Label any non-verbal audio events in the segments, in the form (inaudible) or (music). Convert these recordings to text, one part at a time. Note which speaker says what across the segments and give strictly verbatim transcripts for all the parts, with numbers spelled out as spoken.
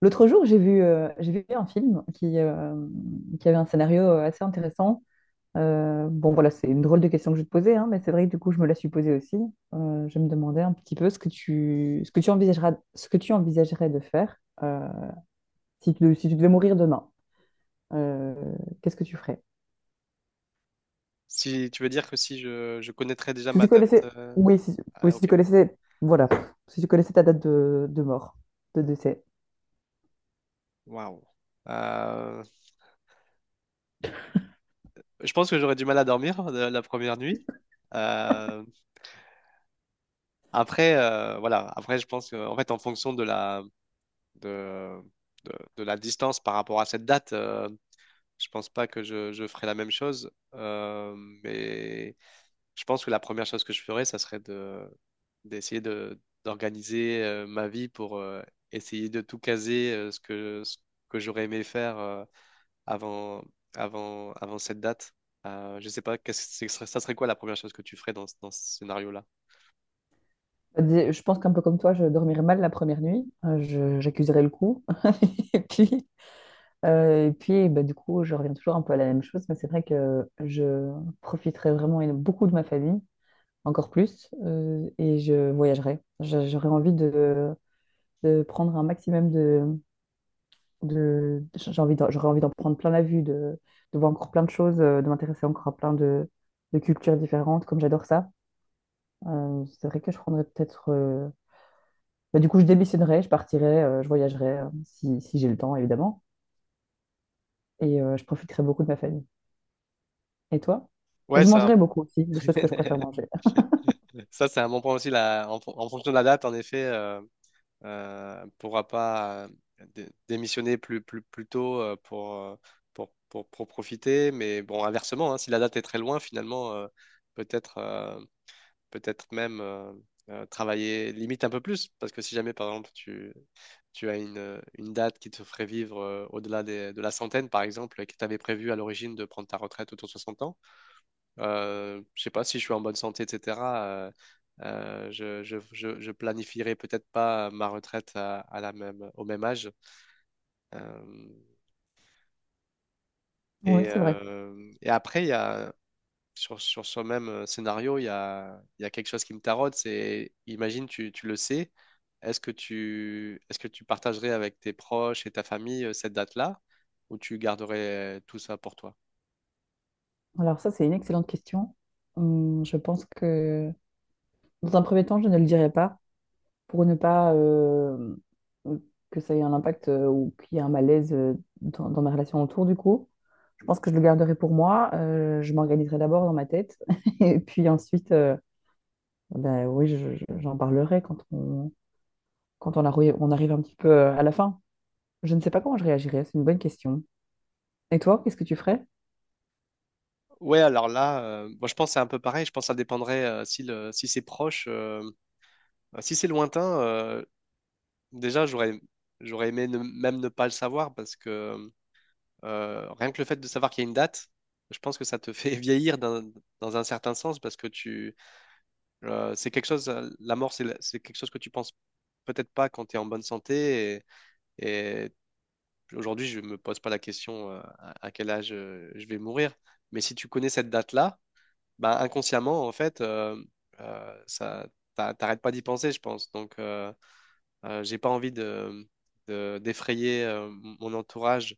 Speaker 1: L'autre jour, j'ai vu, euh, j'ai vu un film qui, euh, qui avait un scénario euh, assez intéressant. Euh, bon, voilà, c'est une drôle de question que je vais te posais, hein, mais c'est vrai que du coup, je me la suis posée aussi. Euh, je me demandais un petit peu ce que tu, ce que tu envisageras, ce que tu envisagerais de faire euh, si tu, si tu devais mourir demain. Euh, qu'est-ce que tu ferais?
Speaker 2: Si tu veux dire que si je, je connaîtrais déjà
Speaker 1: Si
Speaker 2: ma
Speaker 1: tu
Speaker 2: date.
Speaker 1: connaissais,
Speaker 2: euh,
Speaker 1: oui, si, oui,
Speaker 2: Ah,
Speaker 1: si tu
Speaker 2: ok.
Speaker 1: connaissais, voilà, si tu connaissais ta date de, de mort, de décès.
Speaker 2: Waouh. Euh, Je pense que j'aurais du mal à dormir euh, la première nuit. Euh, Après, euh, voilà. Après, je pense que, en fait, en fonction de la, de, de, de la distance par rapport à cette date, euh, je pense pas que je, je ferais la même chose. Euh, mais. Je pense que la première chose que je ferais, ça serait de d'essayer de d'organiser euh, ma vie pour euh, essayer de tout caser euh, ce que ce que j'aurais aimé faire euh, avant avant avant cette date. Euh, je sais pas, qu'est-ce que ce serait- ça serait quoi la première chose que tu ferais dans, ce- dans ce scénario-là?
Speaker 1: Je pense qu'un peu comme toi, je dormirais mal la première nuit. Euh, je- j'accuserais le coup. (laughs) Et puis, Euh, et puis, bah, du coup, je reviens toujours un peu à la même chose, mais c'est vrai que je profiterai vraiment éno- beaucoup de ma famille, encore plus, euh, et je voyagerai. Je- J'aurais envie de, de prendre un maximum de... de j'ai envie d'en- j'aurais envie d'en prendre plein la vue, de, de voir encore plein de choses, euh, de m'intéresser encore à plein de, de cultures différentes, comme j'adore ça. Euh, c'est vrai que je prendrais peut-être... euh, bah, du coup, je démissionnerai, je partirai, euh, je voyagerai, euh, si, si j'ai le temps, évidemment, et euh, je profiterai beaucoup de ma famille. Et toi? Et
Speaker 2: Ouais,
Speaker 1: je
Speaker 2: ça,
Speaker 1: mangerai beaucoup aussi, les choses que je préfère manger.
Speaker 2: ça c'est un bon point aussi. La- en, fon- en fonction de la date, en effet, euh, pourra pas euh, dé- démissionner plus, plus, plus tôt euh, pour, euh, pour, pour, pour profiter. Mais bon, inversement, hein, si la date est très loin, finalement, euh, peut-être euh, peut-être même euh, euh, travailler limite un peu plus. Parce que si jamais, par exemple, tu, tu as une, euh, une date qui te ferait vivre euh, au-delà des- de la centaine, par exemple, et que tu avais prévu à l'origine de prendre ta retraite autour de soixante ans, euh, je sais pas si je suis en bonne santé, et cetera euh, euh, je, je, je, je planifierai peut-être pas ma retraite à, à la même, au même âge. Euh,
Speaker 1: Oui,
Speaker 2: et,
Speaker 1: c'est vrai.
Speaker 2: euh, et après, il y a, sur, sur ce même scénario, il y a, il y a quelque chose qui me taraude, c'est, imagine, tu, tu le sais, est-ce que tu, est-ce que tu partagerais avec tes proches et ta famille euh, cette date-là, ou tu garderais euh, tout ça pour toi?
Speaker 1: Alors ça, c'est une excellente question. Hum, je pense que dans un premier temps, je ne le dirai pas pour ne pas euh, que ça ait un impact euh, ou qu'il y ait un malaise euh, dans, dans mes relations autour du coup. Je pense que je le garderai pour moi. Euh, je m'organiserai d'abord dans ma tête (laughs) et puis ensuite, euh, ben oui, je- je- j'en parlerai quand on, quand on, arri- on arrive un petit peu euh, à la fin. Je ne sais pas comment je réagirai, c'est une bonne question. Et toi, qu'est-ce que tu ferais?
Speaker 2: Ouais, alors là, euh, moi je pense que c'est un peu pareil. Je pense que ça dépendrait euh, si, le, si c'est proche. euh, Euh, Si c'est lointain, euh, déjà, j'aurais, j'aurais aimé ne- même ne pas le savoir parce que euh, rien que le fait de savoir qu'il y a une date, je pense que ça te fait (laughs) vieillir d'un- dans un certain sens parce que tu, euh, c'est quelque chose, euh, la mort, c'est la- c'est quelque chose que tu penses peut-être pas quand tu es en bonne santé et, et aujourd'hui, je me pose pas la question euh, à, à quel âge euh, je vais mourir. Mais si tu connais cette date-là, bah, inconsciemment, en fait, euh, euh, ça, t'a- t'arrêtes pas d'y penser, je pense. Donc, euh, Euh, j'ai pas envie de, de- d'effrayer euh, mon entourage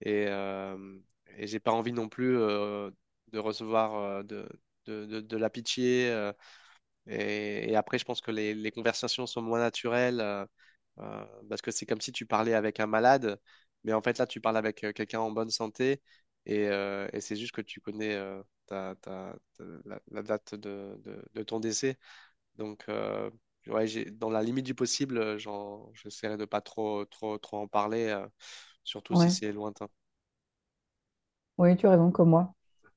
Speaker 2: et, euh, et j'ai pas envie non plus euh, de recevoir euh, de, de, de- de la pitié. euh, et, et après, je pense que les, les conversations sont moins naturelles euh, euh, parce que c'est comme si tu parlais avec un malade, mais en fait là, tu parles avec euh, quelqu'un en bonne santé et, euh, et c'est juste que tu connais euh, ta, ta- ta- la, la date de, de, de ton décès. Donc, euh, ouais, j'ai, dans la limite du possible, euh, j'en, j'essaierai de pas trop, trop, trop en parler, euh, surtout si
Speaker 1: Ouais,
Speaker 2: c'est lointain.
Speaker 1: oui, tu as raison, comme moi.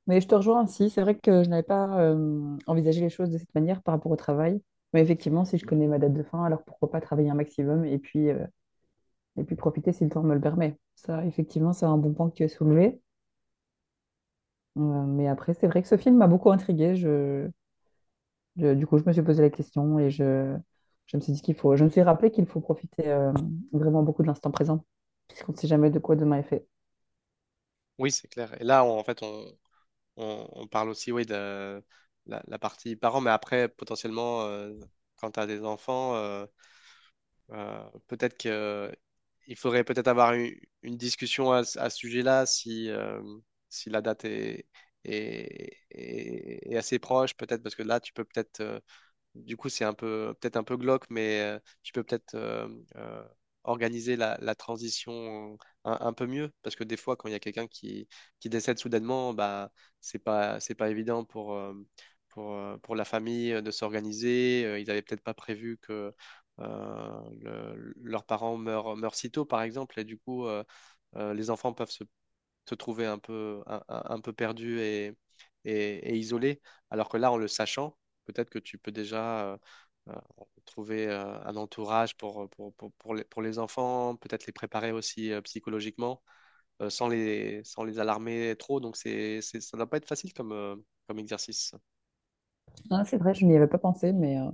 Speaker 1: Mais je te rejoins aussi. C'est vrai que je n'avais pas euh, envisagé les choses de cette manière par rapport au travail. Mais effectivement, si je connais ma date de fin, alors pourquoi pas travailler un maximum et puis, euh, et puis profiter si le temps me le permet. Ça, effectivement, c'est un bon point que tu as soulevé. Euh, mais après, c'est vrai que ce film m'a beaucoup intriguée. Je, Je- du coup, je me suis posé la question et je, je me suis dit qu'il faut, je me suis rappelé qu'il faut profiter euh, vraiment beaucoup de l'instant présent, puisqu'on ne sait jamais de quoi demain est fait.
Speaker 2: Oui, c'est clair. Et là, on- en fait, on, on, on parle aussi, oui, de la, la partie parents, mais après, potentiellement, euh, quand tu as des enfants, euh, euh, peut-être que il faudrait peut-être avoir une, une discussion à, ce à ce sujet-là si, euh, si la date est, est, est- est assez proche, peut-être, parce que là, tu peux peut-être euh, du coup, c'est un peu, peut-être un peu glauque, mais euh, tu peux peut-être euh, euh, organiser la, la transition un, un peu mieux, parce que des fois, quand il y a quelqu'un qui, qui décède soudainement, bah, c'est pas, c'est pas évident pour, euh, pour, euh, pour la famille euh, de s'organiser. Euh, Ils n'avaient peut-être pas prévu que euh, le- leurs parents meurent, meurent si tôt, par exemple, et du coup, euh, euh, les enfants peuvent se se trouver un peu, un, un- un peu perdu et, et, et isolé. Alors que là, en le sachant, peut-être que tu peux déjà euh, euh, trouver euh, un entourage pour, pour, pour, pour les, pour les enfants, peut-être les préparer aussi euh, psychologiquement, euh, sans les, sans les alarmer trop. Donc, c'est, c'est, ça ne doit pas être facile comme, euh, comme exercice.
Speaker 1: Ah, c'est vrai, je n'y avais pas pensé, mais euh,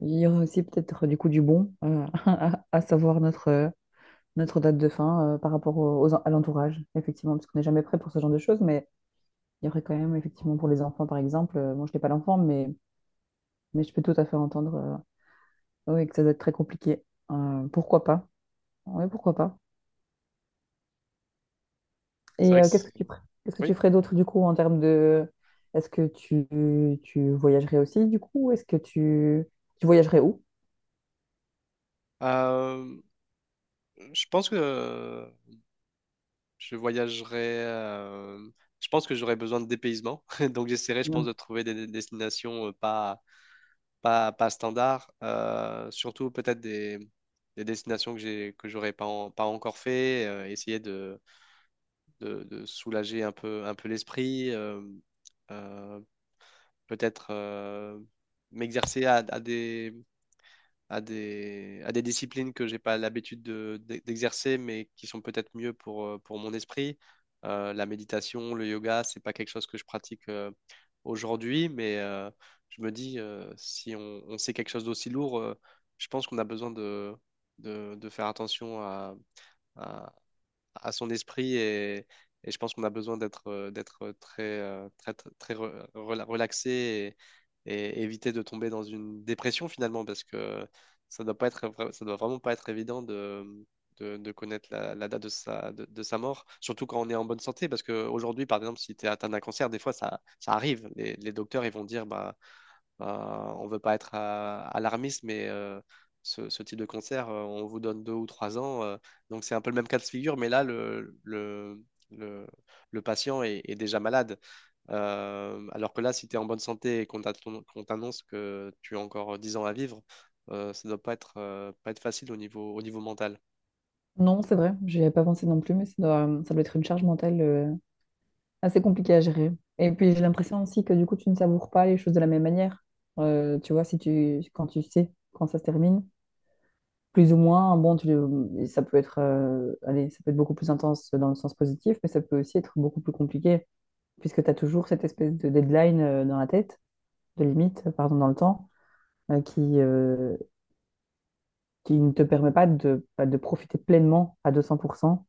Speaker 1: il y aurait aussi peut-être euh, du coup du bon euh, (laughs) à, à savoir notre, euh, notre date de fin euh, par rapport au- aux, en- à l'entourage, effectivement, parce qu'on n'est jamais prêt pour ce genre de choses, mais il y aurait quand même, effectivement, pour les enfants, par exemple, euh, moi, je n'ai pas d'enfant, mais, mais je peux tout à fait entendre euh, oui, que ça doit être très compliqué. Euh, pourquoi pas? Oui, pourquoi pas?
Speaker 2: C'est
Speaker 1: Et
Speaker 2: vrai que
Speaker 1: euh, qu'est-ce
Speaker 2: c'est...
Speaker 1: que tu pr- qu'est-ce que tu
Speaker 2: Oui.
Speaker 1: ferais d'autre du coup en termes de est-ce que tu, tu voyagerais aussi du coup? Est-ce que tu tu voyagerais où?
Speaker 2: Euh, je pense que je voyagerai. euh, je pense que j'aurais besoin de dépaysement. (laughs) Donc, j'essaierai, je pense,
Speaker 1: Non,
Speaker 2: de trouver des des destinations euh, pas, pas, pas standard, euh, surtout peut-être des, des destinations que j'ai, que j'aurais pas, en- pas encore fait, euh, essayer de, de, de soulager un peu, un peu l'esprit, euh, euh, peut-être euh, m'exercer à, à des, à des, à des disciplines que j'ai pas l'habitude de- d'e- d'exercer, mais qui sont peut-être mieux pour, euh, pour mon esprit. Euh, la méditation, le yoga, c'est pas quelque chose que je pratique euh, aujourd'hui, mais euh, je me dis, euh, si on, on sait quelque chose d'aussi lourd, euh, je pense qu'on a besoin de, de, de faire attention à, à, à son esprit et, et je pense qu'on a besoin d'être euh, d'être très, euh, très, très, très re- rela- relaxé et éviter de tomber dans une dépression finalement, parce que ça doit pas être, vra- ça doit vraiment pas être évident de, de, de connaître la, la date de sa, de, de sa mort, surtout quand on est en bonne santé, parce qu'aujourd'hui, par exemple, si tu es atteint d'un cancer, des fois ça, ça arrive. Les, les docteurs, ils vont dire, bah, bah, on veut pas être euh, alarmiste, mais euh, ce, ce type de cancer, euh, on vous donne deux ou trois ans. Euh, donc c'est un peu le même cas de figure, mais là, le, le, le, le patient est, est déjà malade. Euh, alors que là, si tu es en bonne santé et qu'on t'attend- qu'on t'annonce que tu as encore dix ans à vivre, euh, ça doit pas être, euh, pas être facile au niveau, au niveau mental.
Speaker 1: non, c'est vrai, j'y avais pas pensé non plus, mais ça doit, ça doit être une charge mentale euh, assez compliquée à gérer. Et puis j'ai l'impression aussi que du coup tu ne savoures pas les choses de la même manière. Euh, tu vois, si tu quand tu sais quand ça se termine, plus ou moins, bon, tu, et ça peut être euh, allez, ça peut être beaucoup plus intense dans le sens positif, mais ça peut aussi être beaucoup plus compliqué, puisque tu as toujours cette espèce de deadline euh, dans la tête. De limite, pardon, dans le temps, euh, qui, euh, qui ne te permet pas de, de profiter pleinement à deux cents pour cent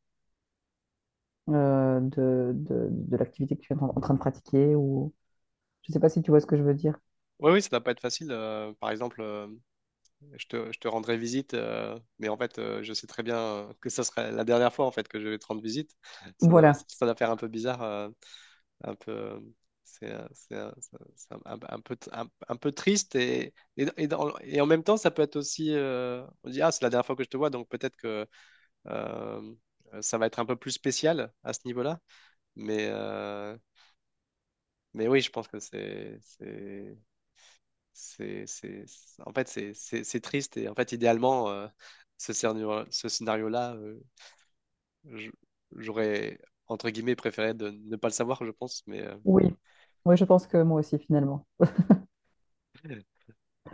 Speaker 1: euh, de, de, de l'activité que tu es en, en train de pratiquer. Ou... Je ne sais pas si tu vois ce que je veux dire.
Speaker 2: Oui, oui, ça doit pas être facile. Euh, par exemple, euh, je te, je te rendrai visite, euh, mais en fait, euh, je sais très bien euh, que ça serait la dernière fois en fait que je vais te rendre visite. Ça doit,
Speaker 1: Voilà.
Speaker 2: ça doit faire un peu bizarre, euh, un peu, euh, c'est, euh, c'est, euh, c'est c'est un, un- un peu, un, un peu triste et, et, et dans- et en même temps, ça peut être aussi, euh, on dit ah, c'est la dernière fois que je te vois, donc peut-être que Euh, ça va être un peu plus spécial à ce niveau-là. Mais, euh, mais oui, je pense que c'est, c'est, c'est, c'est- c'est- en fait, c'est, c'est- c'est triste. Et en fait, idéalement, euh, ce scénario, ce scénario-là, euh, je- j'aurais, entre guillemets, préféré de ne pas le savoir, je pense. Mais, euh,
Speaker 1: Oui. Oui, je pense que moi aussi, finalement.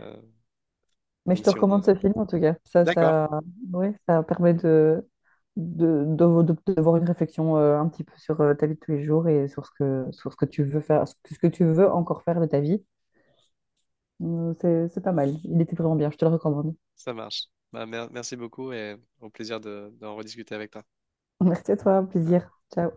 Speaker 2: euh,
Speaker 1: Mais je
Speaker 2: donc,
Speaker 1: te
Speaker 2: si on a-
Speaker 1: recommande ce film, en tout cas. Ça,
Speaker 2: d'accord,
Speaker 1: ça, ouais, ça permet de, de, de, de- d'avoir une réflexion euh, un petit peu sur euh, ta vie de tous les jours et sur ce que, sur ce que tu veux faire, ce que tu veux encore faire de ta vie. Euh, c'est, c'est pas mal. Il était vraiment bien, je te le recommande.
Speaker 2: ça marche. Bah, mer- merci beaucoup et au plaisir de, d'en rediscuter avec toi.
Speaker 1: Merci à toi, un plaisir. Ciao.